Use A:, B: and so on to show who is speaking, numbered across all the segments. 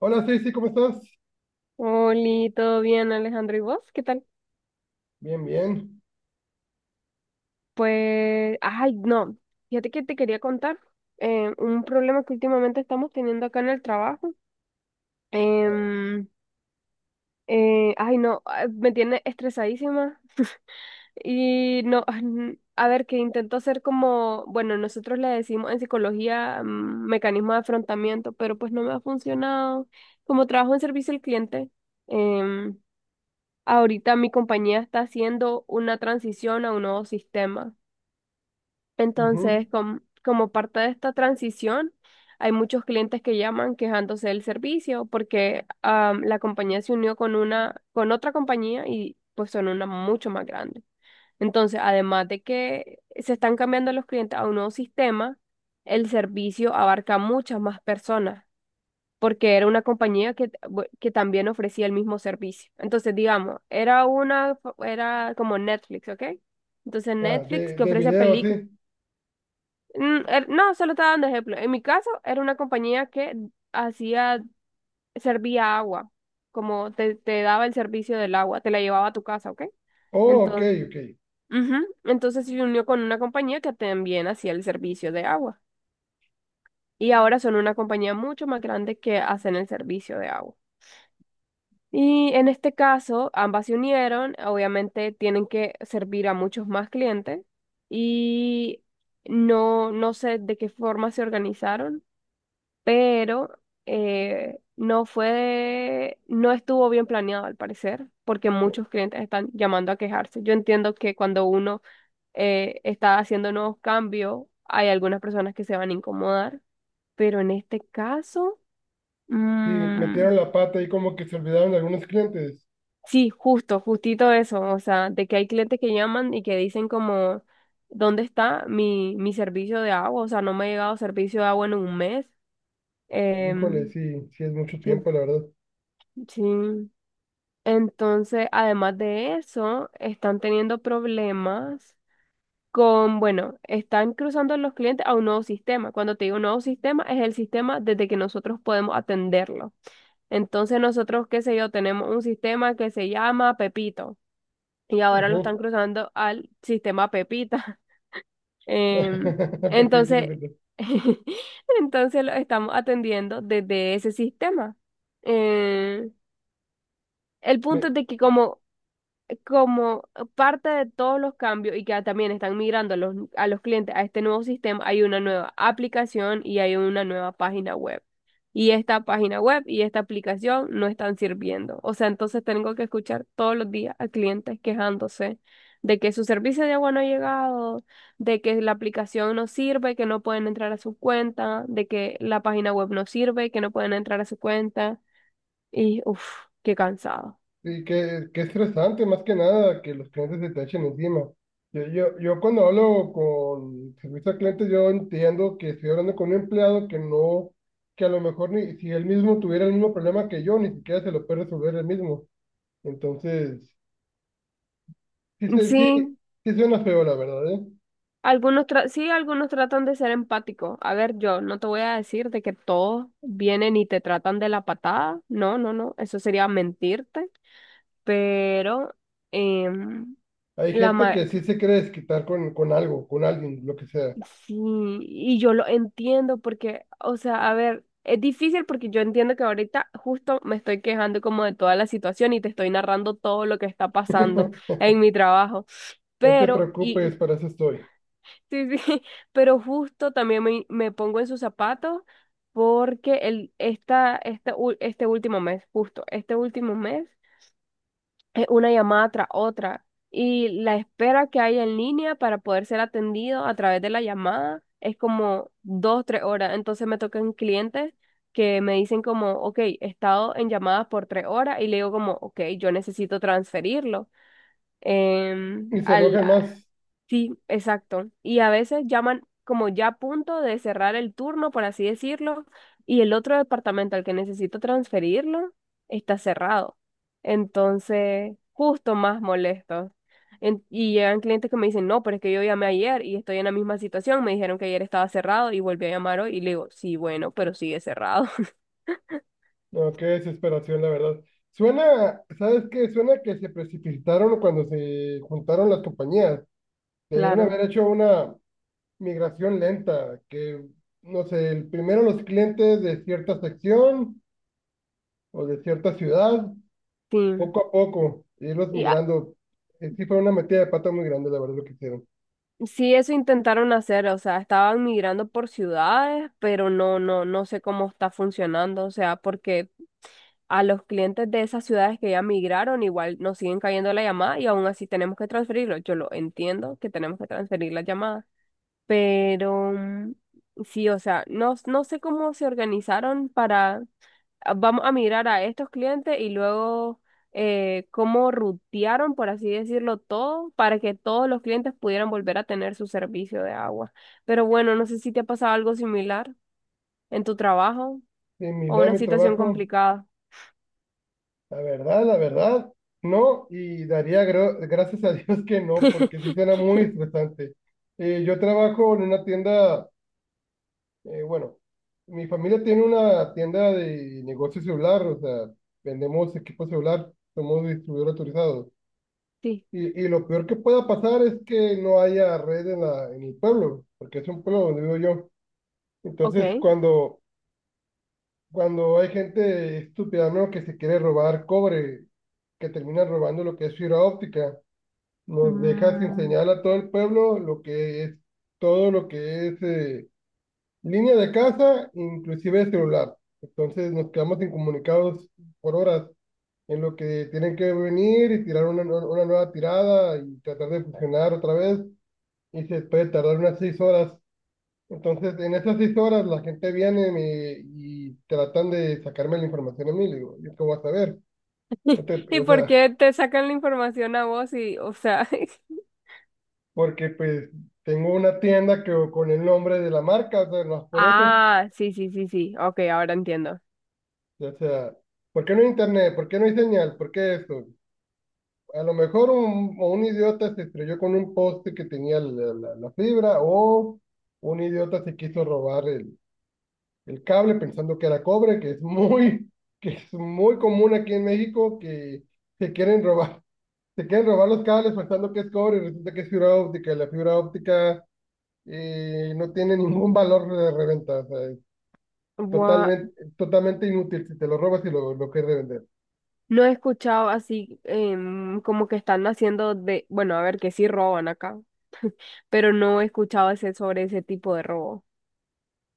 A: Hola, Stacy, ¿cómo estás?
B: Hola, ¿todo bien, Alejandro? ¿Y vos? ¿Qué tal?
A: Bien, bien.
B: Pues, ay, no, fíjate que te quería contar un problema que últimamente estamos teniendo acá en el trabajo.
A: Ah,
B: Em, ay, no, ah, me tiene estresadísima. Y no, a ver, que intento hacer como, bueno, nosotros le decimos en psicología mecanismo de afrontamiento, pero pues no me ha funcionado. Como trabajo en servicio al cliente, em, ahorita mi compañía está haciendo una transición a un nuevo sistema.
A: ujú.
B: Entonces, como parte de esta transición, hay muchos clientes que llaman quejándose del servicio porque la compañía se unió con una, con otra compañía y pues son una mucho más grande. Entonces, además de que se están cambiando los clientes a un nuevo sistema, el servicio abarca muchas más personas porque era una compañía que, que también ofrecía el mismo servicio. Entonces, digamos, era una, era como Netflix, ¿ok? Entonces,
A: Ah,
B: Netflix que
A: de
B: ofrece
A: video,
B: películas,
A: sí.
B: no, solo estaba dando ejemplo. En mi caso, era una compañía que hacía, servía agua, como te daba el servicio del agua, te la llevaba a tu casa, ¿ok?
A: Oh, ok,
B: Entonces,
A: ok.
B: ujú, entonces se unió con una compañía que también hacía el servicio de agua. Y ahora son una compañía mucho más grande que hacen el servicio de agua. Y en este caso, ambas se unieron, obviamente tienen que servir a muchos más clientes y no, no sé de qué forma se organizaron, pero no fue, no estuvo bien planeado al parecer, porque muchos clientes están llamando a quejarse. Yo entiendo que cuando uno está haciendo nuevos cambios, hay algunas personas que se van a incomodar, pero en este caso...
A: Sí,
B: mm,
A: metieron la pata y como que se olvidaron de algunos clientes.
B: sí, justo, justito eso, o sea, de que hay clientes que llaman y que dicen como, ¿dónde está mi, mi servicio de agua? O sea, no me ha llegado servicio de agua en un mes.
A: Híjole,
B: Em,
A: sí, sí es mucho
B: sí,
A: tiempo, la verdad.
B: sí. Entonces, además de eso, están teniendo problemas bueno, están cruzando los clientes a un nuevo sistema. Cuando te digo nuevo sistema, es el sistema desde que nosotros podemos atenderlo. Entonces, nosotros, qué sé yo, tenemos un sistema que se llama Pepito. Y ahora lo
A: Ujú.
B: están cruzando al sistema Pepita. Em,
A: Pepito, y
B: entonces,
A: pepito.
B: entonces lo estamos atendiendo desde ese sistema. Em, el
A: Me-
B: punto es de que como parte de todos los cambios y que también están migrando a los clientes a este nuevo sistema, hay una nueva aplicación y hay una nueva página web. Y esta página web y esta aplicación no están sirviendo. O sea, entonces tengo que escuchar todos los días a clientes quejándose de que su servicio de agua no ha llegado, de que la aplicación no sirve, que no pueden entrar a su cuenta, de que la página web no sirve, que no pueden entrar a su cuenta. Y uff, qué cansado.
A: sí, qué, qué estresante, más que nada, que los clientes se te echen encima. Yo cuando hablo con servicio al cliente, yo entiendo que estoy hablando con un empleado que no, que a lo mejor ni si él mismo tuviera el mismo problema que yo, ni siquiera se lo puede resolver él mismo. Entonces, sí,
B: Sí,
A: sí, sí suena feo, la verdad, ¿eh?
B: Sí, algunos tratan de ser empáticos. A ver, yo no te voy a decir de que todos vienen y te tratan de la patada. No, no, no. Eso sería mentirte. Pero em,
A: Hay
B: la
A: gente
B: ma
A: que sí se quiere desquitar con algo, con alguien, lo que sea.
B: sí, y yo lo entiendo porque, o sea, a ver, es difícil porque yo entiendo que ahorita justo me estoy quejando como de toda la situación y te estoy narrando todo lo que está pasando en mi trabajo.
A: No te
B: Pero,
A: preocupes,
B: y
A: para eso estoy.
B: Sí, sí, pero justo también me pongo en sus zapatos porque el, esta ul- este último mes, justo este último mes, es una llamada tras otra y la espera que hay en línea para poder ser atendido a través de la llamada es como dos, tres horas. Entonces me tocan clientes que me dicen como, ok, he estado en llamadas por tres horas y le digo como, ok, yo necesito transferirlo. em,
A: Y se
B: al,
A: enojan más.
B: Sí, exacto. Y a veces llaman como ya a punto de cerrar el turno, por así decirlo, y el otro departamento al que necesito transferirlo está cerrado. Entonces, justo más molestos. Y llegan clientes que me dicen, no, pero es que yo llamé ayer y estoy en la misma situación. Me dijeron que ayer estaba cerrado y volví a llamar hoy y le digo, sí, bueno, pero sigue cerrado.
A: No, qué desesperación, la verdad. Suena, ¿sabes qué? Suena que se precipitaron cuando se juntaron las compañías. Debieron
B: Claro,
A: haber hecho una migración lenta, que, no sé, primero los clientes de cierta sección o de cierta ciudad.
B: sí.
A: Poco a poco, irlos
B: Y
A: migrando. Sí fue una metida de pata muy grande, la verdad, lo que hicieron.
B: Sí, eso intentaron hacer, o sea, estaban migrando por ciudades, pero no, no, no sé cómo está funcionando, o sea, porque a los clientes de esas ciudades que ya migraron, igual nos siguen cayendo la llamada y aún así tenemos que transferirlo. Yo lo entiendo que tenemos que transferir las llamadas, pero sí, o sea, no, no sé cómo se organizaron para ah, vamos a mirar a estos clientes y luego cómo rutearon, por así decirlo, todo para que todos los clientes pudieran volver a tener su servicio de agua. Pero bueno, no sé si te ha pasado algo similar en tu trabajo
A: En mi
B: o
A: lado
B: una
A: de mi
B: situación
A: trabajo,
B: complicada.
A: la verdad, no. Y daría gracias a Dios que no, porque sí suena muy estresante. Yo trabajo en una tienda, bueno, mi familia tiene una tienda de negocio celular, o sea, vendemos equipo celular, somos distribuidor autorizados.
B: Sí,
A: Y lo peor que pueda pasar es que no haya red en, la, en el pueblo, porque es un pueblo donde vivo yo.
B: ok.
A: Entonces, cuando, cuando hay gente estúpida, ¿no? Que se quiere robar cobre, que termina robando lo que es fibra óptica, nos deja sin
B: Mm.
A: señal a todo el pueblo, lo que es todo lo que es línea de casa, inclusive celular. Entonces nos quedamos incomunicados por horas en lo que tienen que venir y tirar una, una nueva tirada y tratar de funcionar otra vez, y se puede tardar unas 6 horas. Entonces, en esas 6 horas la gente viene y tratan de sacarme la información a mí. Le digo, ¿yo qué voy a saber? No te-
B: ¿Y
A: O
B: por
A: sea,
B: qué te sacan la información a vos y, o sea?
A: porque pues tengo una tienda que, con el nombre de la marca, o sea, no es por eso.
B: Ah, sí, sí, sí, sí, ok, ahora entiendo.
A: O sea, ¿por qué no hay internet? ¿Por qué no hay señal? ¿Por qué esto? A lo mejor un, o un idiota se estrelló con un poste que tenía la, la fibra, o un idiota se quiso robar el cable pensando que era cobre, que es muy, que es muy común aquí en México, que se quieren robar, se quieren robar los cables pensando que es cobre y resulta que es fibra óptica. Y la fibra óptica no tiene ningún valor de reventa, o sea, es
B: Gua-
A: totalmente, totalmente inútil si te lo robas y lo quieres revender.
B: No he escuchado así como que están haciendo de, bueno, a ver, que sí roban acá, pero no he escuchado ese, sobre ese tipo de robo.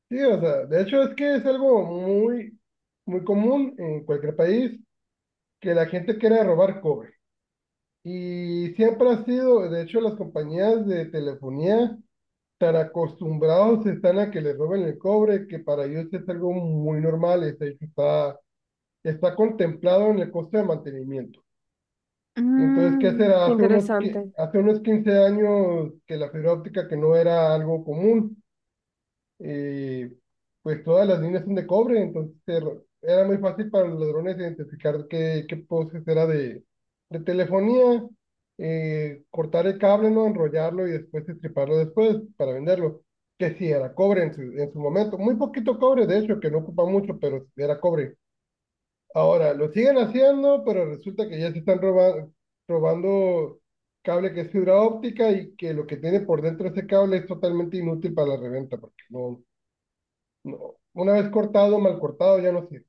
A: Sí, o sea, de hecho es que es algo muy, muy común en cualquier país que la gente quiera robar cobre. Y siempre ha sido, de hecho, las compañías de telefonía tan acostumbrados están a que les roben el cobre, que para ellos es algo muy normal, está, está contemplado en el costo de mantenimiento. Y entonces, ¿qué
B: Mm,
A: será?
B: qué
A: Hace unos,
B: interesante.
A: hace unos 15 años que la fibra óptica, que no era algo común, eh, pues todas las líneas son de cobre, entonces era muy fácil para los ladrones identificar qué, qué postes era de telefonía, cortar el cable, ¿no? Enrollarlo y después estriparlo después para venderlo, que sí era cobre en su momento, muy poquito cobre, de hecho, que no ocupa mucho, pero era cobre. Ahora, lo siguen haciendo, pero resulta que ya se están robando, robando cable que es fibra óptica, y que lo que tiene por dentro ese cable es totalmente inútil para la reventa, porque no, no, una vez cortado, mal cortado, ya no sirve.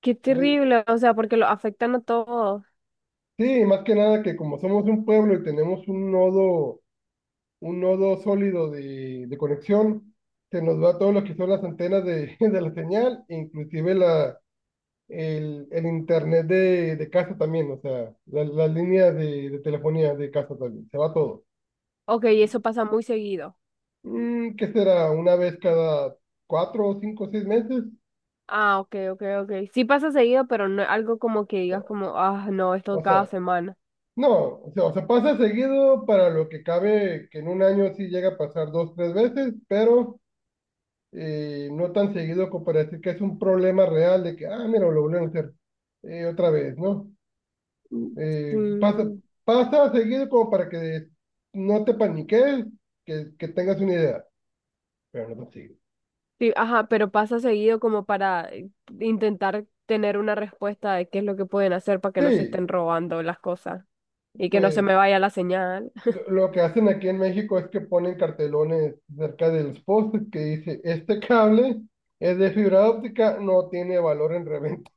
B: Qué
A: Oye,
B: terrible, o sea, porque lo afectan a todos.
A: sí, más que nada que como somos un pueblo y tenemos un nodo sólido de conexión, se nos va todo lo que son las antenas de, de la señal, inclusive la, el internet de casa también, o sea, las líneas de telefonía de casa también, se va todo.
B: Ok, eso pasa muy seguido.
A: Mm, ¿qué será? Una vez cada cuatro, cinco, seis meses,
B: Ah, ok, ok, ok. Sí pasa seguido, pero no es algo como que digas como, ah, no, esto
A: o
B: cada
A: sea.
B: semana.
A: No, o sea, pasa seguido para lo que cabe, que en un año sí llega a pasar dos, tres veces, pero no tan seguido como para decir que es un problema real de que, ah, mira, lo volvieron a hacer otra vez, ¿no?
B: Mm.
A: Pasa,
B: Sí.
A: pasa seguido como para que no te paniques, que tengas una idea, pero no tan seguido.
B: Sí, ajá, pero pasa seguido como para intentar tener una respuesta de qué es lo que pueden hacer para que no se
A: Sí,
B: estén robando las cosas y que no se
A: pues
B: me vaya la señal.
A: lo lo que hacen aquí en México es que ponen cartelones cerca de los postes que dice, este cable... Es de fibra óptica, no tiene valor en reventa.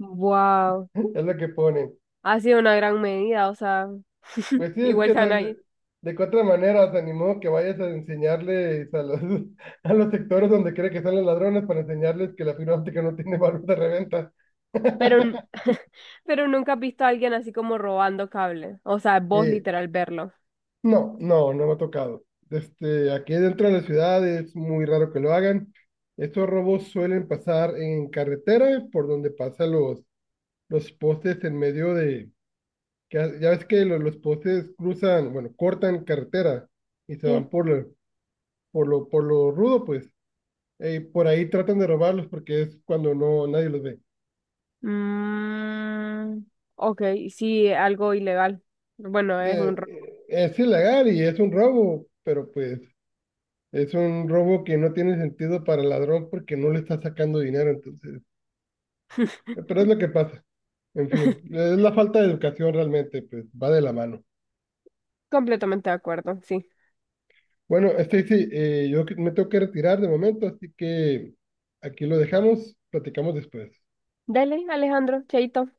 B: Wow.
A: Es lo que pone.
B: Ha sido una gran medida, o sea,
A: Pues sí, es
B: igual
A: que
B: se van a ir.
A: de qué otra manera, se animó que vayas a enseñarles a los, a los sectores donde cree que están los ladrones para enseñarles que la fibra óptica no tiene valor de reventa.
B: Pero, pero nunca has visto a alguien así como robando cable. O sea, vos
A: Eh,
B: literal verlo.
A: no, no, no me ha tocado. Este, aquí dentro de la ciudad es muy raro que lo hagan. Estos robos suelen pasar en carretera, por donde pasan los postes en medio de... que ya ya ves que los postes cruzan, bueno, cortan carretera y se
B: Sí.
A: van por, por lo rudo, pues. Por ahí tratan de robarlos porque es cuando no nadie los ve.
B: Mm, ok, sí, algo ilegal. Bueno, es un robo.
A: Es ilegal y es un robo, pero pues es un robo que no tiene sentido para el ladrón porque no le está sacando dinero, entonces. Pero es lo que pasa. En fin, es la falta de educación realmente, pues va de la mano.
B: Completamente de acuerdo, sí.
A: Bueno, Stacy, yo me tengo que retirar de momento, así que aquí lo dejamos, platicamos después.
B: Dale, Alejandro, chaito.